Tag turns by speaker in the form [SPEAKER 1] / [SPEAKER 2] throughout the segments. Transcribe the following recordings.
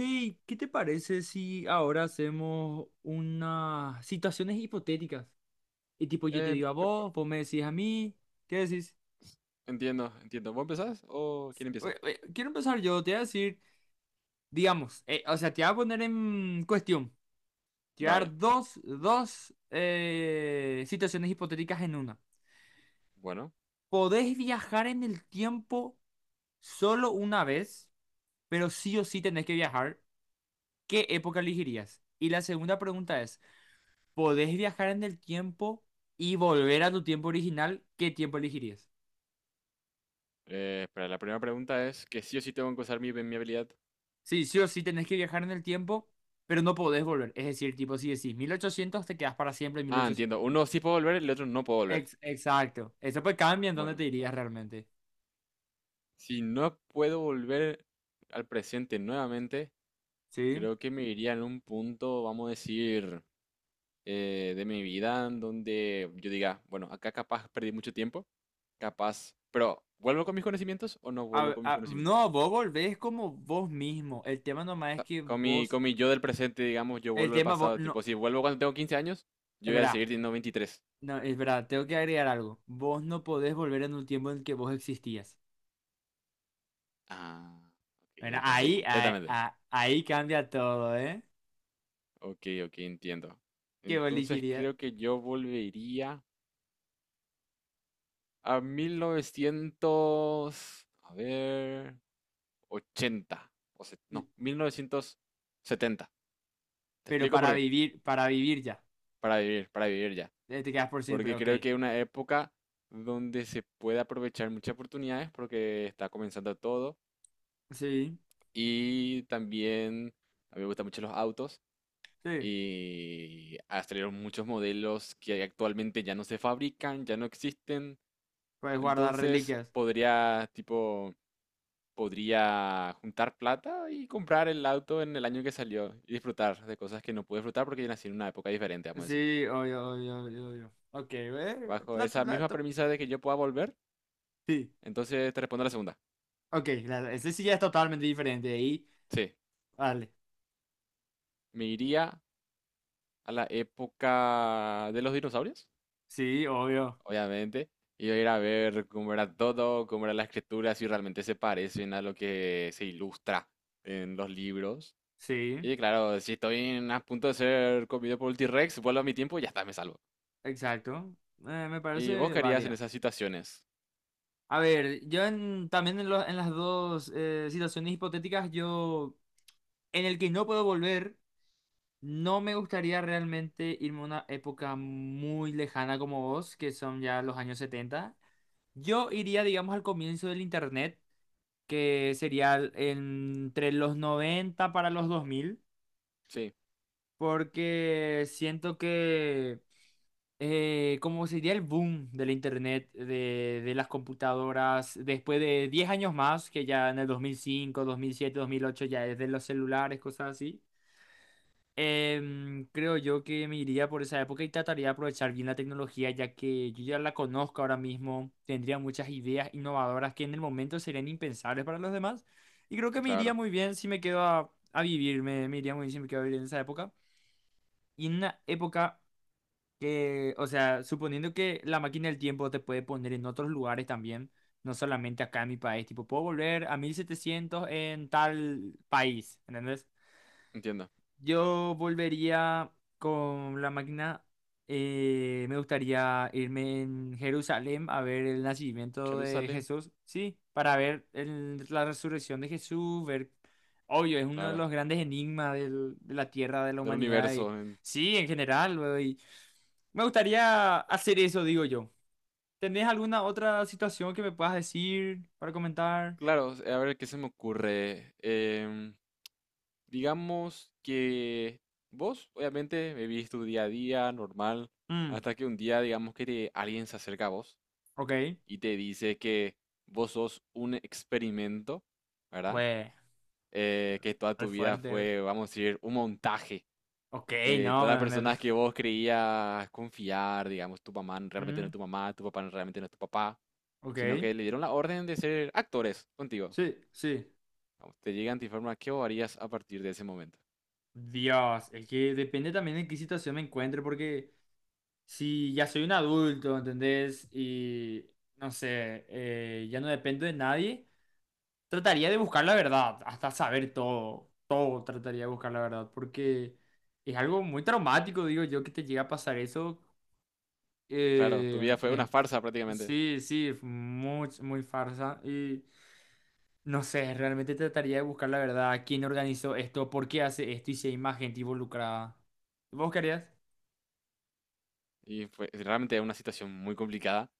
[SPEAKER 1] Hey, ¿qué te parece si ahora hacemos unas situaciones hipotéticas? Y tipo, yo te
[SPEAKER 2] Eh,
[SPEAKER 1] digo a
[SPEAKER 2] me pa-
[SPEAKER 1] vos, vos me decís a mí, ¿qué decís?
[SPEAKER 2] entiendo, entiendo. ¿Vos empezás o quién
[SPEAKER 1] Oye,
[SPEAKER 2] empieza?
[SPEAKER 1] oye, quiero empezar yo, te voy a decir, digamos, o sea, te voy a poner en cuestión, te voy a
[SPEAKER 2] Dale.
[SPEAKER 1] dar dos, situaciones hipotéticas en una.
[SPEAKER 2] Bueno,
[SPEAKER 1] Podés viajar en el tiempo solo una vez, pero sí o sí tenés que viajar. ¿Qué época elegirías? Y la segunda pregunta es: podés viajar en el tiempo y volver a tu tiempo original, ¿qué tiempo elegirías?
[SPEAKER 2] para la primera pregunta es que sí o sí tengo que usar mi habilidad.
[SPEAKER 1] Sí, sí o sí tenés que viajar en el tiempo, pero no podés volver. Es decir, tipo, si decís 1800 te quedas para siempre en
[SPEAKER 2] Ah, entiendo.
[SPEAKER 1] 1800.
[SPEAKER 2] Uno sí puedo volver, el otro no puedo volver.
[SPEAKER 1] Exacto. Eso pues cambia en dónde
[SPEAKER 2] Bueno,
[SPEAKER 1] te irías realmente.
[SPEAKER 2] si no puedo volver al presente nuevamente,
[SPEAKER 1] ¿Sí?
[SPEAKER 2] creo que me iría en un punto, vamos a decir, de mi vida en donde yo diga, bueno, acá capaz perdí mucho tiempo, capaz, pero ¿vuelvo con mis conocimientos o no vuelvo con mis conocimientos?
[SPEAKER 1] No, vos volvés como vos mismo. El tema nomás es que
[SPEAKER 2] Con mi,
[SPEAKER 1] vos.
[SPEAKER 2] con mi yo del presente, digamos, yo vuelvo al pasado.
[SPEAKER 1] No,
[SPEAKER 2] Tipo, si vuelvo cuando tengo 15 años,
[SPEAKER 1] es
[SPEAKER 2] yo voy a
[SPEAKER 1] verdad.
[SPEAKER 2] seguir teniendo 23.
[SPEAKER 1] No, es verdad. Tengo que agregar algo. Vos no podés volver en un tiempo en el que vos existías.
[SPEAKER 2] Ah, ok,
[SPEAKER 1] Bueno,
[SPEAKER 2] ahí cambia
[SPEAKER 1] ahí, ahí,
[SPEAKER 2] completamente.
[SPEAKER 1] ahí cambia todo, ¿eh?
[SPEAKER 2] Ok, ok, entiendo.
[SPEAKER 1] ¿Qué
[SPEAKER 2] Entonces
[SPEAKER 1] elegiría?
[SPEAKER 2] creo que yo volvería a mil novecientos, a ver, 80 no, 1970. Te
[SPEAKER 1] Pero
[SPEAKER 2] explico por qué.
[SPEAKER 1] para vivir ya.
[SPEAKER 2] Para vivir ya.
[SPEAKER 1] Te quedas por siempre,
[SPEAKER 2] Porque
[SPEAKER 1] ok.
[SPEAKER 2] creo que es una época donde se puede aprovechar muchas oportunidades porque está comenzando todo.
[SPEAKER 1] Sí,
[SPEAKER 2] Y también a mí me gustan mucho los autos
[SPEAKER 1] sí.
[SPEAKER 2] y salieron muchos modelos que actualmente ya no se fabrican, ya no existen.
[SPEAKER 1] Puedes guardar
[SPEAKER 2] Entonces
[SPEAKER 1] reliquias.
[SPEAKER 2] podría, tipo, podría juntar plata y comprar el auto en el año que salió y disfrutar de cosas que no pude disfrutar porque yo nací en una época diferente, vamos a decir.
[SPEAKER 1] Sí, obvio, obvio, obvio, obvio. Ok.
[SPEAKER 2] Bajo esa misma premisa de que yo pueda volver,
[SPEAKER 1] Sí,
[SPEAKER 2] entonces te respondo a la segunda.
[SPEAKER 1] ok. Ese sí ya es totalmente diferente. Ahí,
[SPEAKER 2] Sí,
[SPEAKER 1] vale.
[SPEAKER 2] me iría a la época de los dinosaurios.
[SPEAKER 1] Sí, obvio.
[SPEAKER 2] Obviamente, y ir a ver cómo era todo, cómo era la escritura, si realmente se parecen a lo que se ilustra en los libros.
[SPEAKER 1] Sí,
[SPEAKER 2] Y claro, si estoy en- a punto de ser comido por un T-Rex, vuelvo a mi tiempo y ya está, me salvo.
[SPEAKER 1] exacto. Me
[SPEAKER 2] ¿Y vos
[SPEAKER 1] parece
[SPEAKER 2] qué harías en
[SPEAKER 1] válida.
[SPEAKER 2] esas situaciones?
[SPEAKER 1] A ver, yo también en, en las dos situaciones hipotéticas, yo en el que no puedo volver. No me gustaría realmente irme a una época muy lejana como vos, que son ya los años 70. Yo iría, digamos, al comienzo del internet, que sería entre los 90 para los 2000,
[SPEAKER 2] Sí,
[SPEAKER 1] porque siento que como sería el boom del internet, de las computadoras, después de 10 años más, que ya en el 2005, 2007, 2008 ya es de los celulares, cosas así. Creo yo que me iría por esa época y trataría de aprovechar bien la tecnología, ya que yo ya la conozco ahora mismo, tendría muchas ideas innovadoras que en el momento serían impensables para los demás. Y creo que me iría
[SPEAKER 2] claro,
[SPEAKER 1] muy bien si me quedo a vivir, me iría muy bien si me quedo a vivir en esa época. Y en una época que, o sea, suponiendo que la máquina del tiempo te puede poner en otros lugares también, no solamente acá en mi país, tipo, puedo volver a 1700 en tal país, ¿entendés?
[SPEAKER 2] entiendo.
[SPEAKER 1] Yo volvería con la máquina. Me gustaría irme en Jerusalén a ver el nacimiento de
[SPEAKER 2] Jerusalén,
[SPEAKER 1] Jesús, sí, para ver la resurrección de Jesús, ver, obvio, es uno de
[SPEAKER 2] claro,
[SPEAKER 1] los grandes enigmas de la tierra, de la
[SPEAKER 2] del
[SPEAKER 1] humanidad,
[SPEAKER 2] universo.
[SPEAKER 1] y, sí, en general, luego, y me gustaría hacer eso, digo yo. ¿Tenés alguna otra situación que me puedas decir para comentar?
[SPEAKER 2] Claro, a ver qué se me ocurre. Digamos que vos, obviamente, vivís tu día a día normal,
[SPEAKER 1] Mm,
[SPEAKER 2] hasta que un día, digamos que alguien se acerca a vos
[SPEAKER 1] ok,
[SPEAKER 2] y te dice que vos sos un experimento, ¿verdad?
[SPEAKER 1] bueno,
[SPEAKER 2] Que toda
[SPEAKER 1] re
[SPEAKER 2] tu vida
[SPEAKER 1] fuerte.
[SPEAKER 2] fue, vamos a decir, un montaje.
[SPEAKER 1] Ok, no.
[SPEAKER 2] Todas las personas que vos creías confiar, digamos, tu mamá realmente no es tu mamá, tu papá realmente no es tu papá, sino
[SPEAKER 1] Ok,
[SPEAKER 2] que le dieron la orden de ser actores contigo.
[SPEAKER 1] sí, sí.
[SPEAKER 2] Vamos, te llegan, te informan qué vos harías a partir de ese momento.
[SPEAKER 1] Dios, es que depende también de qué situación me encuentre, porque si ya soy un adulto, ¿entendés? Y no sé, ya no dependo de nadie, trataría de buscar la verdad, hasta saber todo, todo trataría de buscar la verdad, porque es algo muy traumático, digo yo, que te llega a pasar eso.
[SPEAKER 2] Claro, tu
[SPEAKER 1] eh,
[SPEAKER 2] vida fue una
[SPEAKER 1] eh,
[SPEAKER 2] farsa prácticamente.
[SPEAKER 1] sí, sí, es muy, muy farsa. Y no sé, realmente trataría de buscar la verdad, quién organizó esto, por qué hace esto y si hay más gente involucrada. ¿Vos querías?
[SPEAKER 2] Y fue realmente, es una situación muy complicada.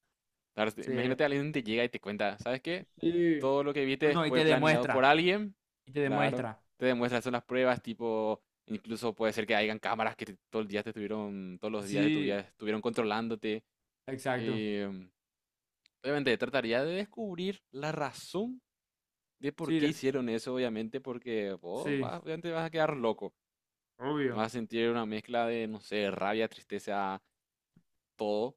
[SPEAKER 2] La verdad,
[SPEAKER 1] Sí.
[SPEAKER 2] imagínate, alguien te llega y te cuenta, ¿sabes qué?
[SPEAKER 1] Sí,
[SPEAKER 2] Todo lo que viste
[SPEAKER 1] no, y
[SPEAKER 2] fue
[SPEAKER 1] te
[SPEAKER 2] planeado por
[SPEAKER 1] demuestra.
[SPEAKER 2] alguien,
[SPEAKER 1] Y te
[SPEAKER 2] claro.
[SPEAKER 1] demuestra.
[SPEAKER 2] Te demuestran, son las pruebas, tipo, incluso puede ser que hayan cámaras que te- todo el día te estuvieron, todos los días de tu vida
[SPEAKER 1] Sí,
[SPEAKER 2] estuvieron controlándote.
[SPEAKER 1] exacto.
[SPEAKER 2] em, Obviamente, trataría de descubrir la razón de por
[SPEAKER 1] Sí,
[SPEAKER 2] qué hicieron eso, obviamente, porque vos
[SPEAKER 1] sí,
[SPEAKER 2] vas- obviamente vas a quedar loco. No
[SPEAKER 1] obvio.
[SPEAKER 2] vas a sentir una mezcla de, no sé, rabia, tristeza, todo.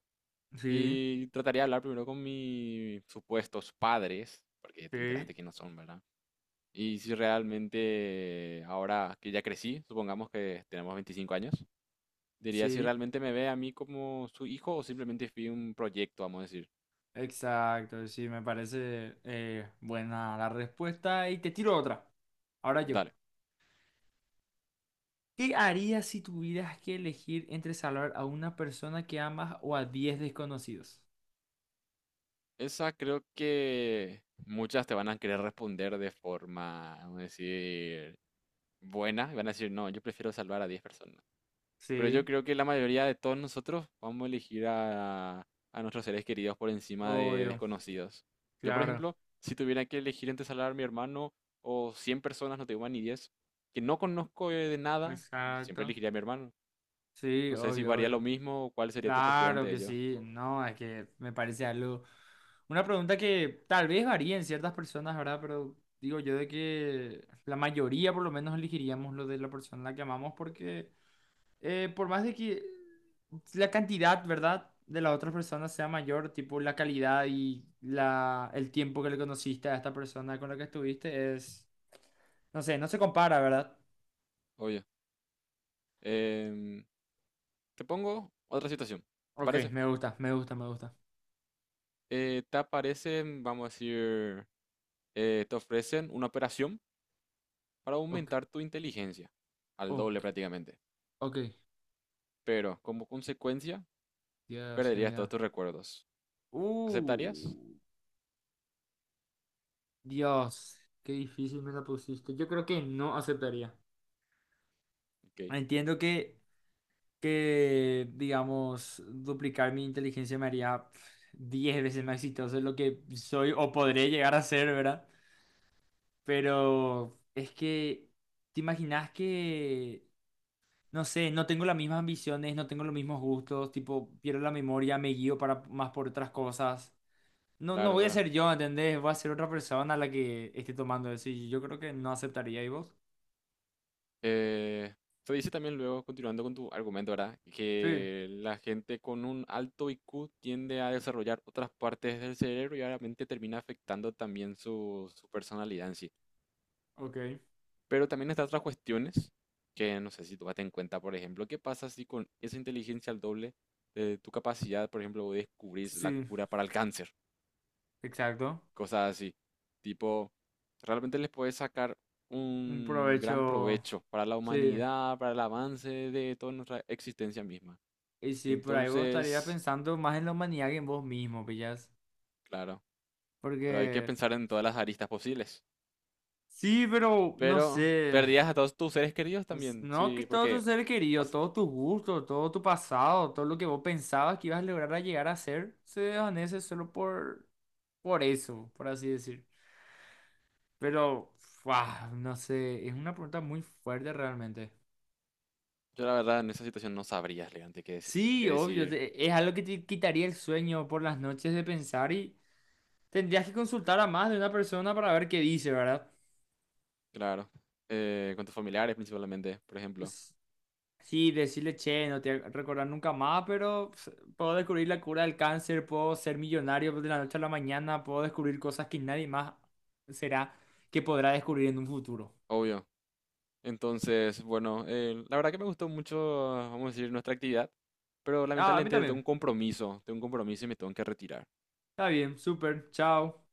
[SPEAKER 1] Sí,
[SPEAKER 2] Y trataría de hablar primero con mis supuestos padres, porque te
[SPEAKER 1] sí,
[SPEAKER 2] enteraste quiénes son, ¿verdad? Y si realmente, ahora que ya crecí, supongamos que tenemos 25 años, diría si
[SPEAKER 1] sí,
[SPEAKER 2] realmente me ve a mí como su hijo o simplemente fui un proyecto, vamos a decir.
[SPEAKER 1] exacto. Sí, me parece buena la respuesta. Y te tiro otra. Ahora yo.
[SPEAKER 2] Dale.
[SPEAKER 1] ¿Qué harías si tuvieras que elegir entre salvar a una persona que amas o a 10 desconocidos?
[SPEAKER 2] Esa creo que muchas te van a querer responder de forma, vamos a decir, buena. Y van a decir, no, yo prefiero salvar a 10 personas. Pero yo
[SPEAKER 1] Sí.
[SPEAKER 2] creo que la mayoría de todos nosotros vamos a elegir a nuestros seres queridos por encima de
[SPEAKER 1] Obvio,
[SPEAKER 2] desconocidos. Yo, por
[SPEAKER 1] claro,
[SPEAKER 2] ejemplo, si tuviera que elegir entre salvar a mi hermano o 100 personas, no tengo ni 10 que no conozco de nada, siempre
[SPEAKER 1] exacto.
[SPEAKER 2] elegiría a mi hermano.
[SPEAKER 1] Sí,
[SPEAKER 2] No sé si
[SPEAKER 1] obvio,
[SPEAKER 2] varía lo
[SPEAKER 1] obvio.
[SPEAKER 2] mismo o cuál sería tu postura
[SPEAKER 1] Claro
[SPEAKER 2] ante
[SPEAKER 1] que
[SPEAKER 2] ello.
[SPEAKER 1] sí. No, es que me parece algo. Una pregunta que tal vez varía en ciertas personas, ¿verdad? Pero digo yo de que la mayoría por lo menos elegiríamos lo de la persona a la que amamos porque por más de que la cantidad, ¿verdad? De la otra persona sea mayor, tipo la calidad y la, el tiempo que le conociste a esta persona con la que estuviste es, no sé, no se compara, ¿verdad?
[SPEAKER 2] Obvio. Em, Te pongo otra situación. ¿Te
[SPEAKER 1] Ok,
[SPEAKER 2] parece?
[SPEAKER 1] me gusta, me gusta, me gusta.
[SPEAKER 2] Te aparecen, vamos a decir, te ofrecen una operación para
[SPEAKER 1] Ok,
[SPEAKER 2] aumentar tu inteligencia. Al doble
[SPEAKER 1] ok,
[SPEAKER 2] prácticamente.
[SPEAKER 1] ok.
[SPEAKER 2] Pero como consecuencia
[SPEAKER 1] Dios, qué
[SPEAKER 2] perderías todos
[SPEAKER 1] miedo.
[SPEAKER 2] tus recuerdos.
[SPEAKER 1] Uh,
[SPEAKER 2] ¿Aceptarías?
[SPEAKER 1] Dios, qué difícil me la pusiste. Yo creo que no aceptaría.
[SPEAKER 2] Ok,
[SPEAKER 1] Entiendo que, digamos, duplicar mi inteligencia me haría pf, 10 veces más exitoso de lo que soy o podré llegar a ser, ¿verdad? Pero es que, ¿te imaginas que, no sé, no tengo las mismas ambiciones, no tengo los mismos gustos, tipo, pierdo la memoria, me guío para, más por otras cosas? No, no
[SPEAKER 2] claro,
[SPEAKER 1] voy a
[SPEAKER 2] claro.
[SPEAKER 1] ser yo, ¿entendés? Voy a ser otra persona a la que esté tomando eso. Y yo creo que no aceptaría. ¿Y vos?
[SPEAKER 2] Eh, Se dice también luego, continuando con tu argumento, ¿verdad?
[SPEAKER 1] Sí,
[SPEAKER 2] Que la gente con un alto IQ tiende a desarrollar otras partes del cerebro y obviamente termina afectando también su personalidad en sí.
[SPEAKER 1] ok.
[SPEAKER 2] Pero también están otras cuestiones que no sé si tú en cuenta, por ejemplo, qué pasa si con esa inteligencia al doble de tu capacidad, por ejemplo, descubrís la
[SPEAKER 1] Sí,
[SPEAKER 2] cura para el cáncer.
[SPEAKER 1] exacto.
[SPEAKER 2] Cosas así. Tipo, realmente les puede sacar
[SPEAKER 1] Un
[SPEAKER 2] un gran
[SPEAKER 1] provecho.
[SPEAKER 2] provecho para la
[SPEAKER 1] Sí.
[SPEAKER 2] humanidad, para el avance de toda nuestra existencia misma.
[SPEAKER 1] Y sí, por ahí vos estarías
[SPEAKER 2] Entonces,
[SPEAKER 1] pensando más en la humanidad que en vos mismo, pillas.
[SPEAKER 2] claro, pero hay que
[SPEAKER 1] Porque.
[SPEAKER 2] pensar en todas las aristas posibles.
[SPEAKER 1] Sí, pero no
[SPEAKER 2] Pero
[SPEAKER 1] sé.
[SPEAKER 2] perdías a todos tus seres queridos también,
[SPEAKER 1] No, que
[SPEAKER 2] sí,
[SPEAKER 1] todo tu
[SPEAKER 2] porque
[SPEAKER 1] ser querido,
[SPEAKER 2] as-
[SPEAKER 1] todos tus gustos, todo tu pasado, todo lo que vos pensabas que ibas a lograr a llegar a ser, se desvanece solo por. Por eso, por así decir. Pero, ¡fua! No sé, es una pregunta muy fuerte realmente.
[SPEAKER 2] yo la verdad en esa situación no sabría realmente qué decidir. Qué
[SPEAKER 1] Sí, obvio,
[SPEAKER 2] decidir,
[SPEAKER 1] es algo que te quitaría el sueño por las noches de pensar y tendrías que consultar a más de una persona para ver qué dice, ¿verdad?
[SPEAKER 2] claro. Con tus familiares principalmente, por ejemplo.
[SPEAKER 1] S- Sí, decirle, che, no te voy a recordar nunca más, pero pues, puedo descubrir la cura del cáncer, puedo ser millonario de la noche a la mañana, puedo descubrir cosas que nadie más será que podrá descubrir en un futuro.
[SPEAKER 2] Obvio. Entonces, bueno, la verdad que me gustó mucho, vamos a decir, nuestra actividad, pero
[SPEAKER 1] Ah, a mí
[SPEAKER 2] lamentablemente
[SPEAKER 1] también.
[SPEAKER 2] tengo un compromiso y me tengo que retirar.
[SPEAKER 1] Está bien, súper, chao.